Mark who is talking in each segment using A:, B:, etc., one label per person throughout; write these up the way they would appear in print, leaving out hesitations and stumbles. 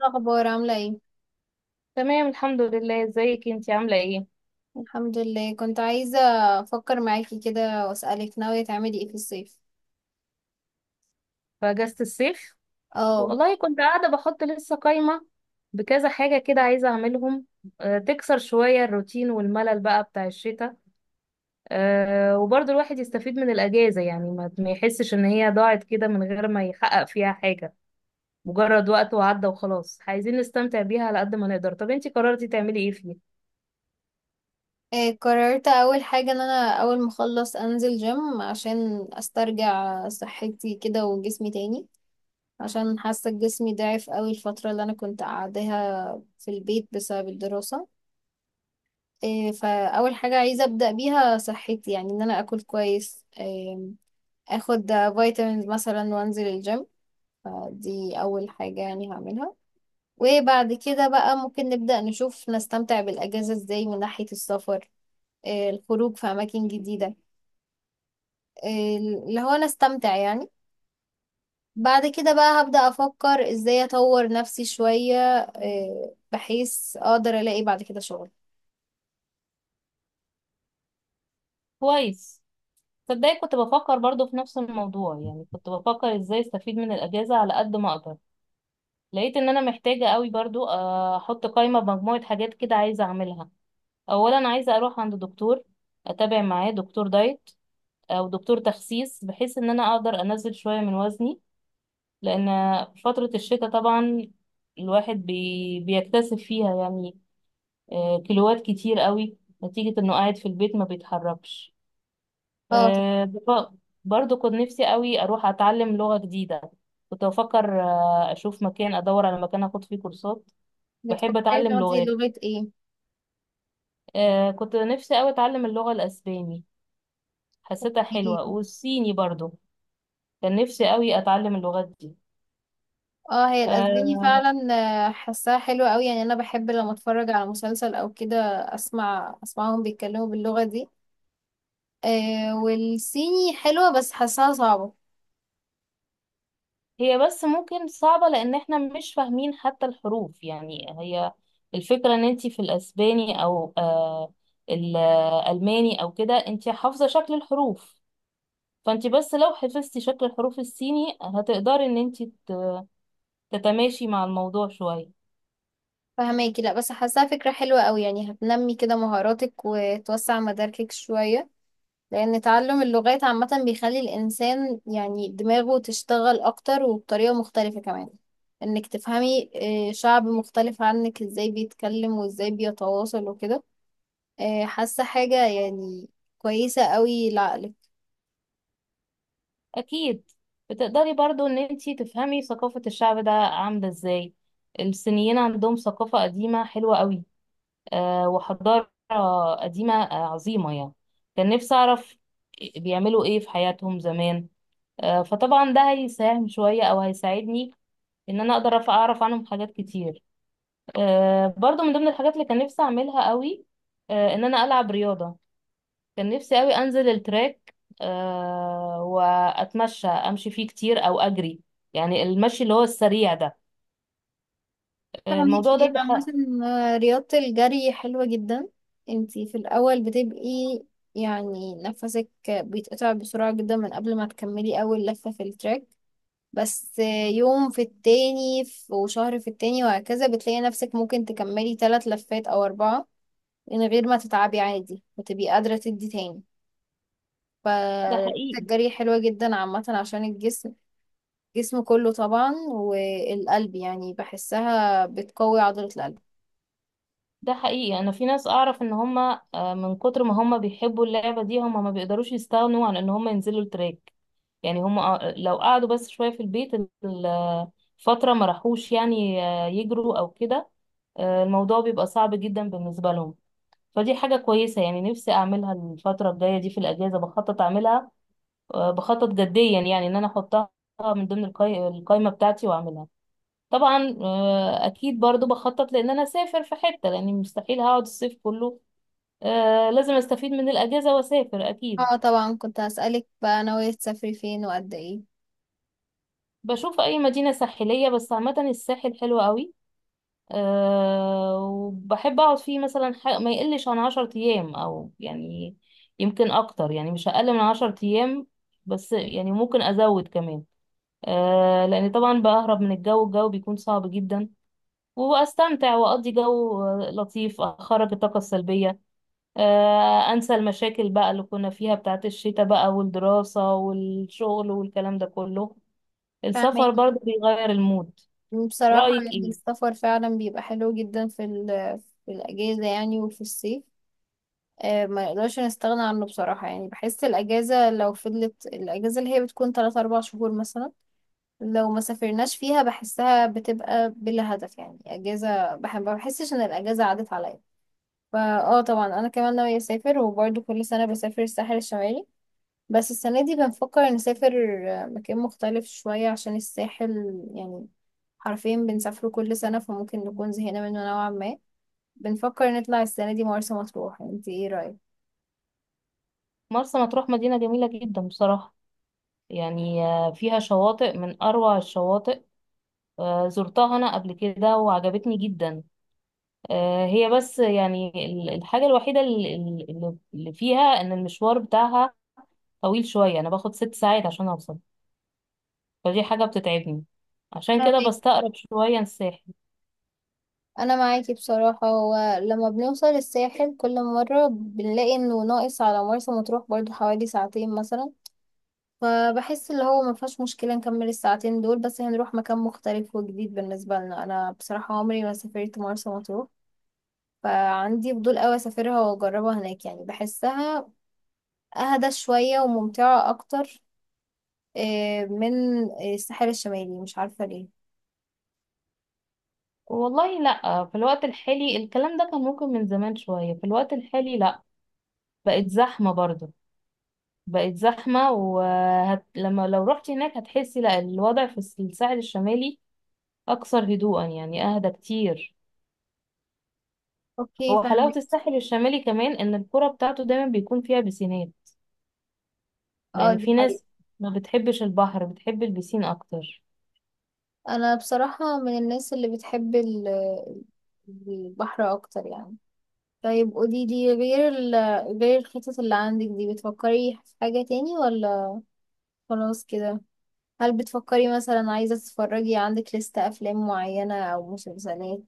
A: الأخبار عاملة ايه؟
B: تمام، الحمد لله. ازيك؟ انتي عاملة ايه
A: الحمد لله، كنت عايزة أفكر معاكي كده وأسألك، ناوية تعملي ايه في الصيف؟
B: في اجازة الصيف؟
A: اه.
B: والله كنت قاعدة بحط لسه قايمة بكذا حاجة كده عايزة اعملهم. تكسر شوية الروتين والملل بقى بتاع الشتاء. وبرضه الواحد يستفيد من الاجازة، يعني ما يحسش ان هي ضاعت كده من غير ما يحقق فيها حاجة، مجرد وقت وعدى وخلاص. عايزين نستمتع بيها على قد ما نقدر. طب انتي قررتي تعملي ايه فيه؟
A: إيه، قررت أول حاجة إن أنا أول ما أخلص أنزل جيم عشان أسترجع صحتي كده وجسمي تاني، عشان حاسة جسمي ضعف أوي الفترة اللي أنا كنت قاعداها في البيت بسبب الدراسة. إيه، فأول حاجة عايزة أبدأ بيها صحتي، يعني إن أنا أكل كويس، إيه، أخد فيتامينز مثلا وأنزل الجيم. فدي أول حاجة يعني هعملها. وبعد كده بقى ممكن نبدأ نشوف نستمتع بالأجازة ازاي، من ناحية السفر، الخروج في أماكن جديدة، اللي هو نستمتع يعني. بعد كده بقى هبدأ أفكر ازاي أطور نفسي شوية، بحيث أقدر ألاقي بعد كده شغل.
B: كويس. تصدقي كنت بفكر برضه في نفس الموضوع، يعني كنت بفكر ازاي استفيد من الاجازة على قد ما اقدر. لقيت ان انا محتاجة قوي برضو احط قائمة بمجموعة حاجات كده عايزة اعملها. اولا عايزة اروح عند دكتور، اتابع معاه دكتور دايت او دكتور تخسيس، بحيث ان انا اقدر انزل شوية من وزني. لان في فترة الشتاء طبعا الواحد بيكتسب فيها، يعني كيلوات كتير قوي نتيجة انه قاعد في البيت ما بيتحركش.
A: اه، طب
B: آه، بف- برضو كنت نفسي قوي اروح اتعلم لغة جديدة. كنت بفكر اشوف مكان، ادور على مكان اخد فيه كورسات. بحب
A: بتفكري
B: اتعلم
A: تاخدي
B: لغات.
A: لغة ايه؟
B: كنت نفسي قوي اتعلم اللغة الاسباني، حسيتها
A: إيه؟
B: حلوة، والصيني برضو. كان نفسي قوي اتعلم اللغات دي.
A: اه، هي الأسباني
B: آه
A: فعلا. حاساها حلوة أوي، يعني أنا بحب لما أتفرج على مسلسل أو كده أسمعهم بيتكلموا باللغة دي. والصيني حلوة بس حاساها صعبة.
B: هي بس ممكن صعبة لان احنا مش فاهمين حتى الحروف، يعني هي الفكرة ان انتي في الاسباني او الالماني او كده انتي حافظة شكل الحروف، فانتي بس لو حفظتي شكل الحروف الصيني هتقدري ان انتي تتماشي مع الموضوع شوية.
A: فهماكي، لا بس حاساها فكرة حلوة قوي، يعني هتنمي كده مهاراتك وتوسع مداركك شوية. لأن تعلم اللغات عامة بيخلي الإنسان يعني دماغه تشتغل أكتر وبطريقة مختلفة كمان، إنك تفهمي شعب مختلف عنك إزاي بيتكلم وإزاي بيتواصل وكده. حاسة حاجة يعني كويسة قوي لعقلك.
B: اكيد. بتقدري برضو ان انتي تفهمي ثقافة الشعب ده عاملة ازاي. الصينيين عندهم ثقافة قديمة حلوة قوي. وحضارة قديمة عظيمة يعني. كان نفسي اعرف بيعملوا ايه في حياتهم زمان. فطبعا ده هيساهم شوية او هيساعدني ان انا اقدر اعرف عنهم حاجات كتير. برضو من ضمن الحاجات اللي كان نفسي اعملها قوي ان انا العب رياضة. كان نفسي قوي انزل التراك واتمشى، امشي فيه كتير او اجري، يعني المشي اللي هو السريع ده. آه،
A: فاهمك،
B: الموضوع ده
A: هي عامة
B: بح-
A: رياضة الجري حلوة جدا. انتي في الأول بتبقي يعني نفسك بيتقطع بسرعة جدا من قبل ما تكملي أول لفة في التراك، بس يوم في التاني وشهر في التاني وهكذا بتلاقي نفسك ممكن تكملي تلات لفات أو أربعة من غير ما تتعبي عادي، وتبقي قادرة تدي تاني.
B: ده
A: فرياضة
B: حقيقي
A: الجري حلوة جدا عامة عشان الجسم، الجسم كله طبعا والقلب، يعني بحسها بتقوي عضلة القلب.
B: ده حقيقي. انا في ناس اعرف ان هم من كتر ما هم بيحبوا اللعبة دي هم ما بيقدروش يستغنوا عن ان هم ينزلوا التراك. يعني هم لو قعدوا بس شوية في البيت ال- فترة ما راحوش، يعني يجروا او كده الموضوع بيبقى صعب جدا بالنسبة لهم. فدي حاجة كويسة، يعني نفسي أعملها الفترة الجاية دي في الأجازة، بخطط أعملها بخطط جديا، يعني ان انا احطها من ضمن القايمة بتاعتي واعملها. طبعا اكيد برضو بخطط لان انا اسافر في حتة لاني مستحيل هقعد الصيف كله. لازم استفيد من الاجازة واسافر اكيد.
A: اه، طبعا كنت هسألك بقى، ناوية تسافري فين وقد ايه؟
B: بشوف اي مدينة ساحلية، بس عامة الساحل حلو قوي. وبحب اقعد فيه مثلا ما يقلش عن 10 ايام، او يعني يمكن اكتر، يعني مش اقل من 10 ايام. بس يعني ممكن ازود كمان. لان طبعا بهرب من الجو، الجو بيكون صعب جدا. واستمتع واقضي جو لطيف، اخرج الطاقه السلبيه، انسى المشاكل بقى اللي كنا فيها بتاعت الشتاء بقى، والدراسه والشغل والكلام ده كله.
A: فاهمك.
B: السفر برضه بيغير المود.
A: بصراحة
B: رايك
A: يعني
B: ايه؟
A: السفر فعلا بيبقى حلو جدا في الأجازة يعني وفي الصيف. آه، ما نقدرش نستغنى عنه بصراحة، يعني بحس الأجازة، لو فضلت الأجازة اللي هي بتكون تلات أربع شهور مثلا لو ما سافرناش فيها، بحسها بتبقى بلا هدف، يعني أجازة، ما بحسش إن الأجازة عدت عليا. فا اه، طبعا أنا كمان ناوية أسافر، وبرضه كل سنة بسافر الساحل الشمالي، بس السنة دي بنفكر نسافر مكان مختلف شوية، عشان الساحل يعني حرفيا بنسافره كل سنة، فممكن نكون زهقنا منه نوعا ما. بنفكر نطلع السنة دي مرسى مطروح، انت ايه رأيك؟
B: مرسى مطروح مدينه جميله جدا بصراحه، يعني فيها شواطئ من اروع الشواطئ. زرتها انا قبل كده وعجبتني جدا. هي بس يعني الحاجه الوحيده اللي فيها ان المشوار بتاعها طويل شويه، انا باخد 6 ساعات عشان اوصل. فدي حاجة بتتعبني، عشان
A: طب
B: كده
A: ايه،
B: بستقرب شوية الساحل.
A: انا معاكي بصراحة. هو لما بنوصل الساحل كل مرة بنلاقي انه ناقص على مرسى مطروح برضو حوالي ساعتين مثلا، فبحس اللي هو مفيهاش مشكلة نكمل الساعتين دول، بس هنروح مكان مختلف وجديد بالنسبة لنا. انا بصراحة عمري ما سافرت مرسى مطروح، فعندي فضول قوي اسافرها واجربها هناك، يعني بحسها اهدى شوية وممتعة اكتر من الساحل الشمالي، مش عارفة ليه.
B: والله لأ، في الوقت الحالي الكلام ده كان ممكن من زمان شوية، في الوقت الحالي لأ. بقت زحمة برضه. بقت زحمة، لما لو رحت هناك هتحسي لأ، الوضع في الساحل الشمالي أكثر هدوءا، يعني أهدى كتير.
A: اوكي،
B: هو حلاوة
A: فاهمك.
B: الساحل الشمالي كمان إن القرى بتاعته دايما بيكون فيها بسينات،
A: اه،
B: لأن
A: دي
B: في
A: حقيقة.
B: ناس ما بتحبش البحر، بتحب البسين أكتر.
A: انا بصراحة من الناس اللي بتحب البحر اكتر يعني. طيب قولي لي، غير ال غير الخطط اللي عندك دي، بتفكري في حاجة تاني ولا خلاص كده؟ هل بتفكري مثلا عايزة تتفرجي، عندك لستة افلام معينة او مسلسلات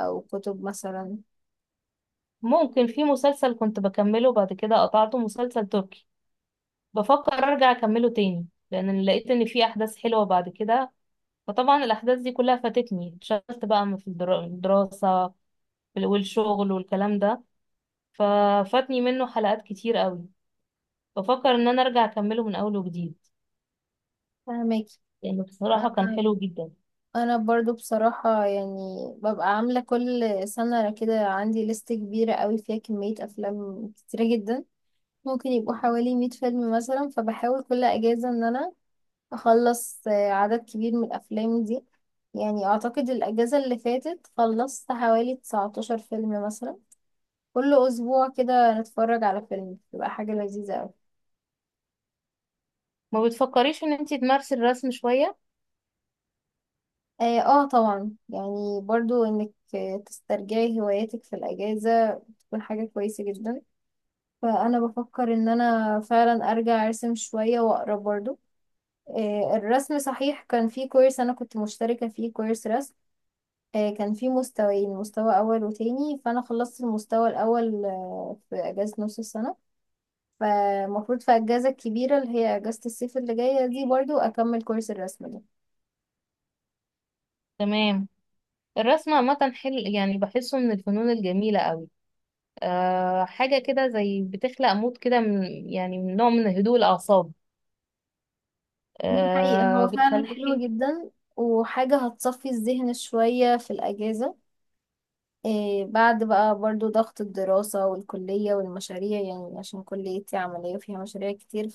A: او كتب مثلا؟
B: ممكن في مسلسل كنت بكمله بعد كده قطعته، مسلسل تركي. بفكر ارجع اكمله تاني لان لقيت ان في احداث حلوه بعد كده، فطبعا الاحداث دي كلها فاتتني، اتشغلت بقى في الدراسه والشغل والكلام ده، ففاتني منه حلقات كتير قوي. بفكر ان انا ارجع اكمله من اول وجديد،
A: فهمك.
B: لانه بصراحه كان
A: انا
B: حلو جدا.
A: انا برضو بصراحة يعني ببقى عاملة كل سنة كده، عندي لست كبيرة قوي فيها كمية افلام كتيرة جدا، ممكن يبقوا حوالي 100 فيلم مثلا، فبحاول كل اجازة ان انا اخلص عدد كبير من الافلام دي. يعني اعتقد الاجازة اللي فاتت خلصت حوالي 19 فيلم مثلا، كل اسبوع كده نتفرج على فيلم، بتبقى حاجة لذيذة قوي.
B: ما بتفكريش ان انتي تمارسي الرسم شويه؟
A: اه. طبعا، يعني برضو انك تسترجعي هواياتك في الاجازة تكون حاجة كويسة جدا. فانا بفكر ان انا فعلا ارجع ارسم شوية واقرا برضو. الرسم صحيح، كان في كورس انا كنت مشتركة فيه، كورس رسم. كان في مستويين، مستوى اول وتاني، فانا خلصت المستوى الاول في اجازة نص السنة. فالمفروض في الاجازة الكبيرة اللي هي اجازة الصيف اللي جاية دي برضو اكمل كورس الرسم ده.
B: تمام. الرسم عامه حلو، يعني بحسه من الفنون الجميله قوي. حاجه كده زي بتخلق مود كده من، يعني من نوع من هدوء الاعصاب.
A: دي حقيقة، هو فعلا حلو
B: بتخليكي.
A: جدا، وحاجة هتصفي الذهن شوية في الاجازة. إيه بعد بقى برضو ضغط الدراسة والكلية والمشاريع، يعني عشان كليتي عملية فيها مشاريع كتير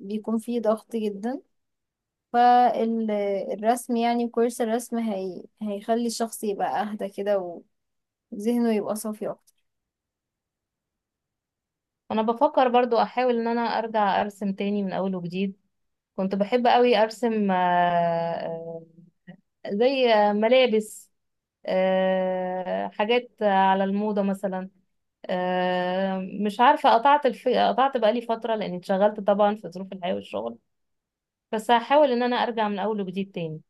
A: فبيكون في ضغط جدا. فالرسم، يعني كورس الرسم، هيخلي الشخص يبقى أهدى كده، وذهنه يبقى صافي أكتر.
B: انا بفكر برضو احاول ان انا ارجع ارسم تاني من اول وجديد. كنت بحب قوي ارسم، آه، زي ملابس، حاجات على الموضة مثلا. آه، مش عارفة، قطعت بقالي فترة لاني اتشغلت طبعا في ظروف الحياة والشغل. بس هحاول ان انا ارجع من اول وجديد تاني.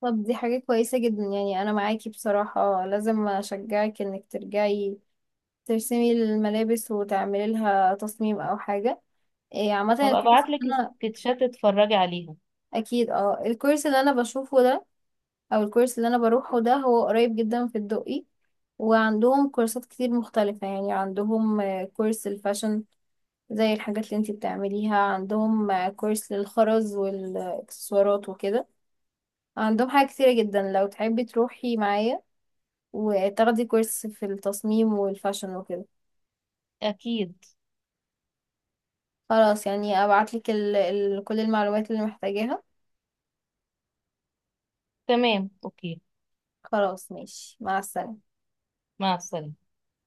A: طب دي حاجة كويسة جدا، يعني أنا معاكي بصراحة، لازم أشجعك إنك ترجعي ترسمي الملابس وتعملي لها تصميم أو حاجة. إيه عامة
B: هبقى
A: الكورس
B: ابعتلك
A: اللي أنا...
B: سكتشات تتفرجي عليها.
A: أكيد. اه، الكورس اللي أنا بشوفه ده، او الكورس اللي انا بروحه ده، هو قريب جدا في الدقي، وعندهم كورسات كتير مختلفة، يعني عندهم كورس الفاشن، زي الحاجات اللي انتي بتعمليها. عندهم كورس للخرز والاكسسوارات وكده. عندهم حاجة كتيرة جدا، لو تحبي تروحي معايا وتاخدي كورس في التصميم والفاشن وكده.
B: اكيد.
A: خلاص يعني، ابعتلك ال ال كل المعلومات اللي محتاجاها.
B: تمام، اوكي.
A: خلاص ماشي، مع السلامة.
B: مع السلامة.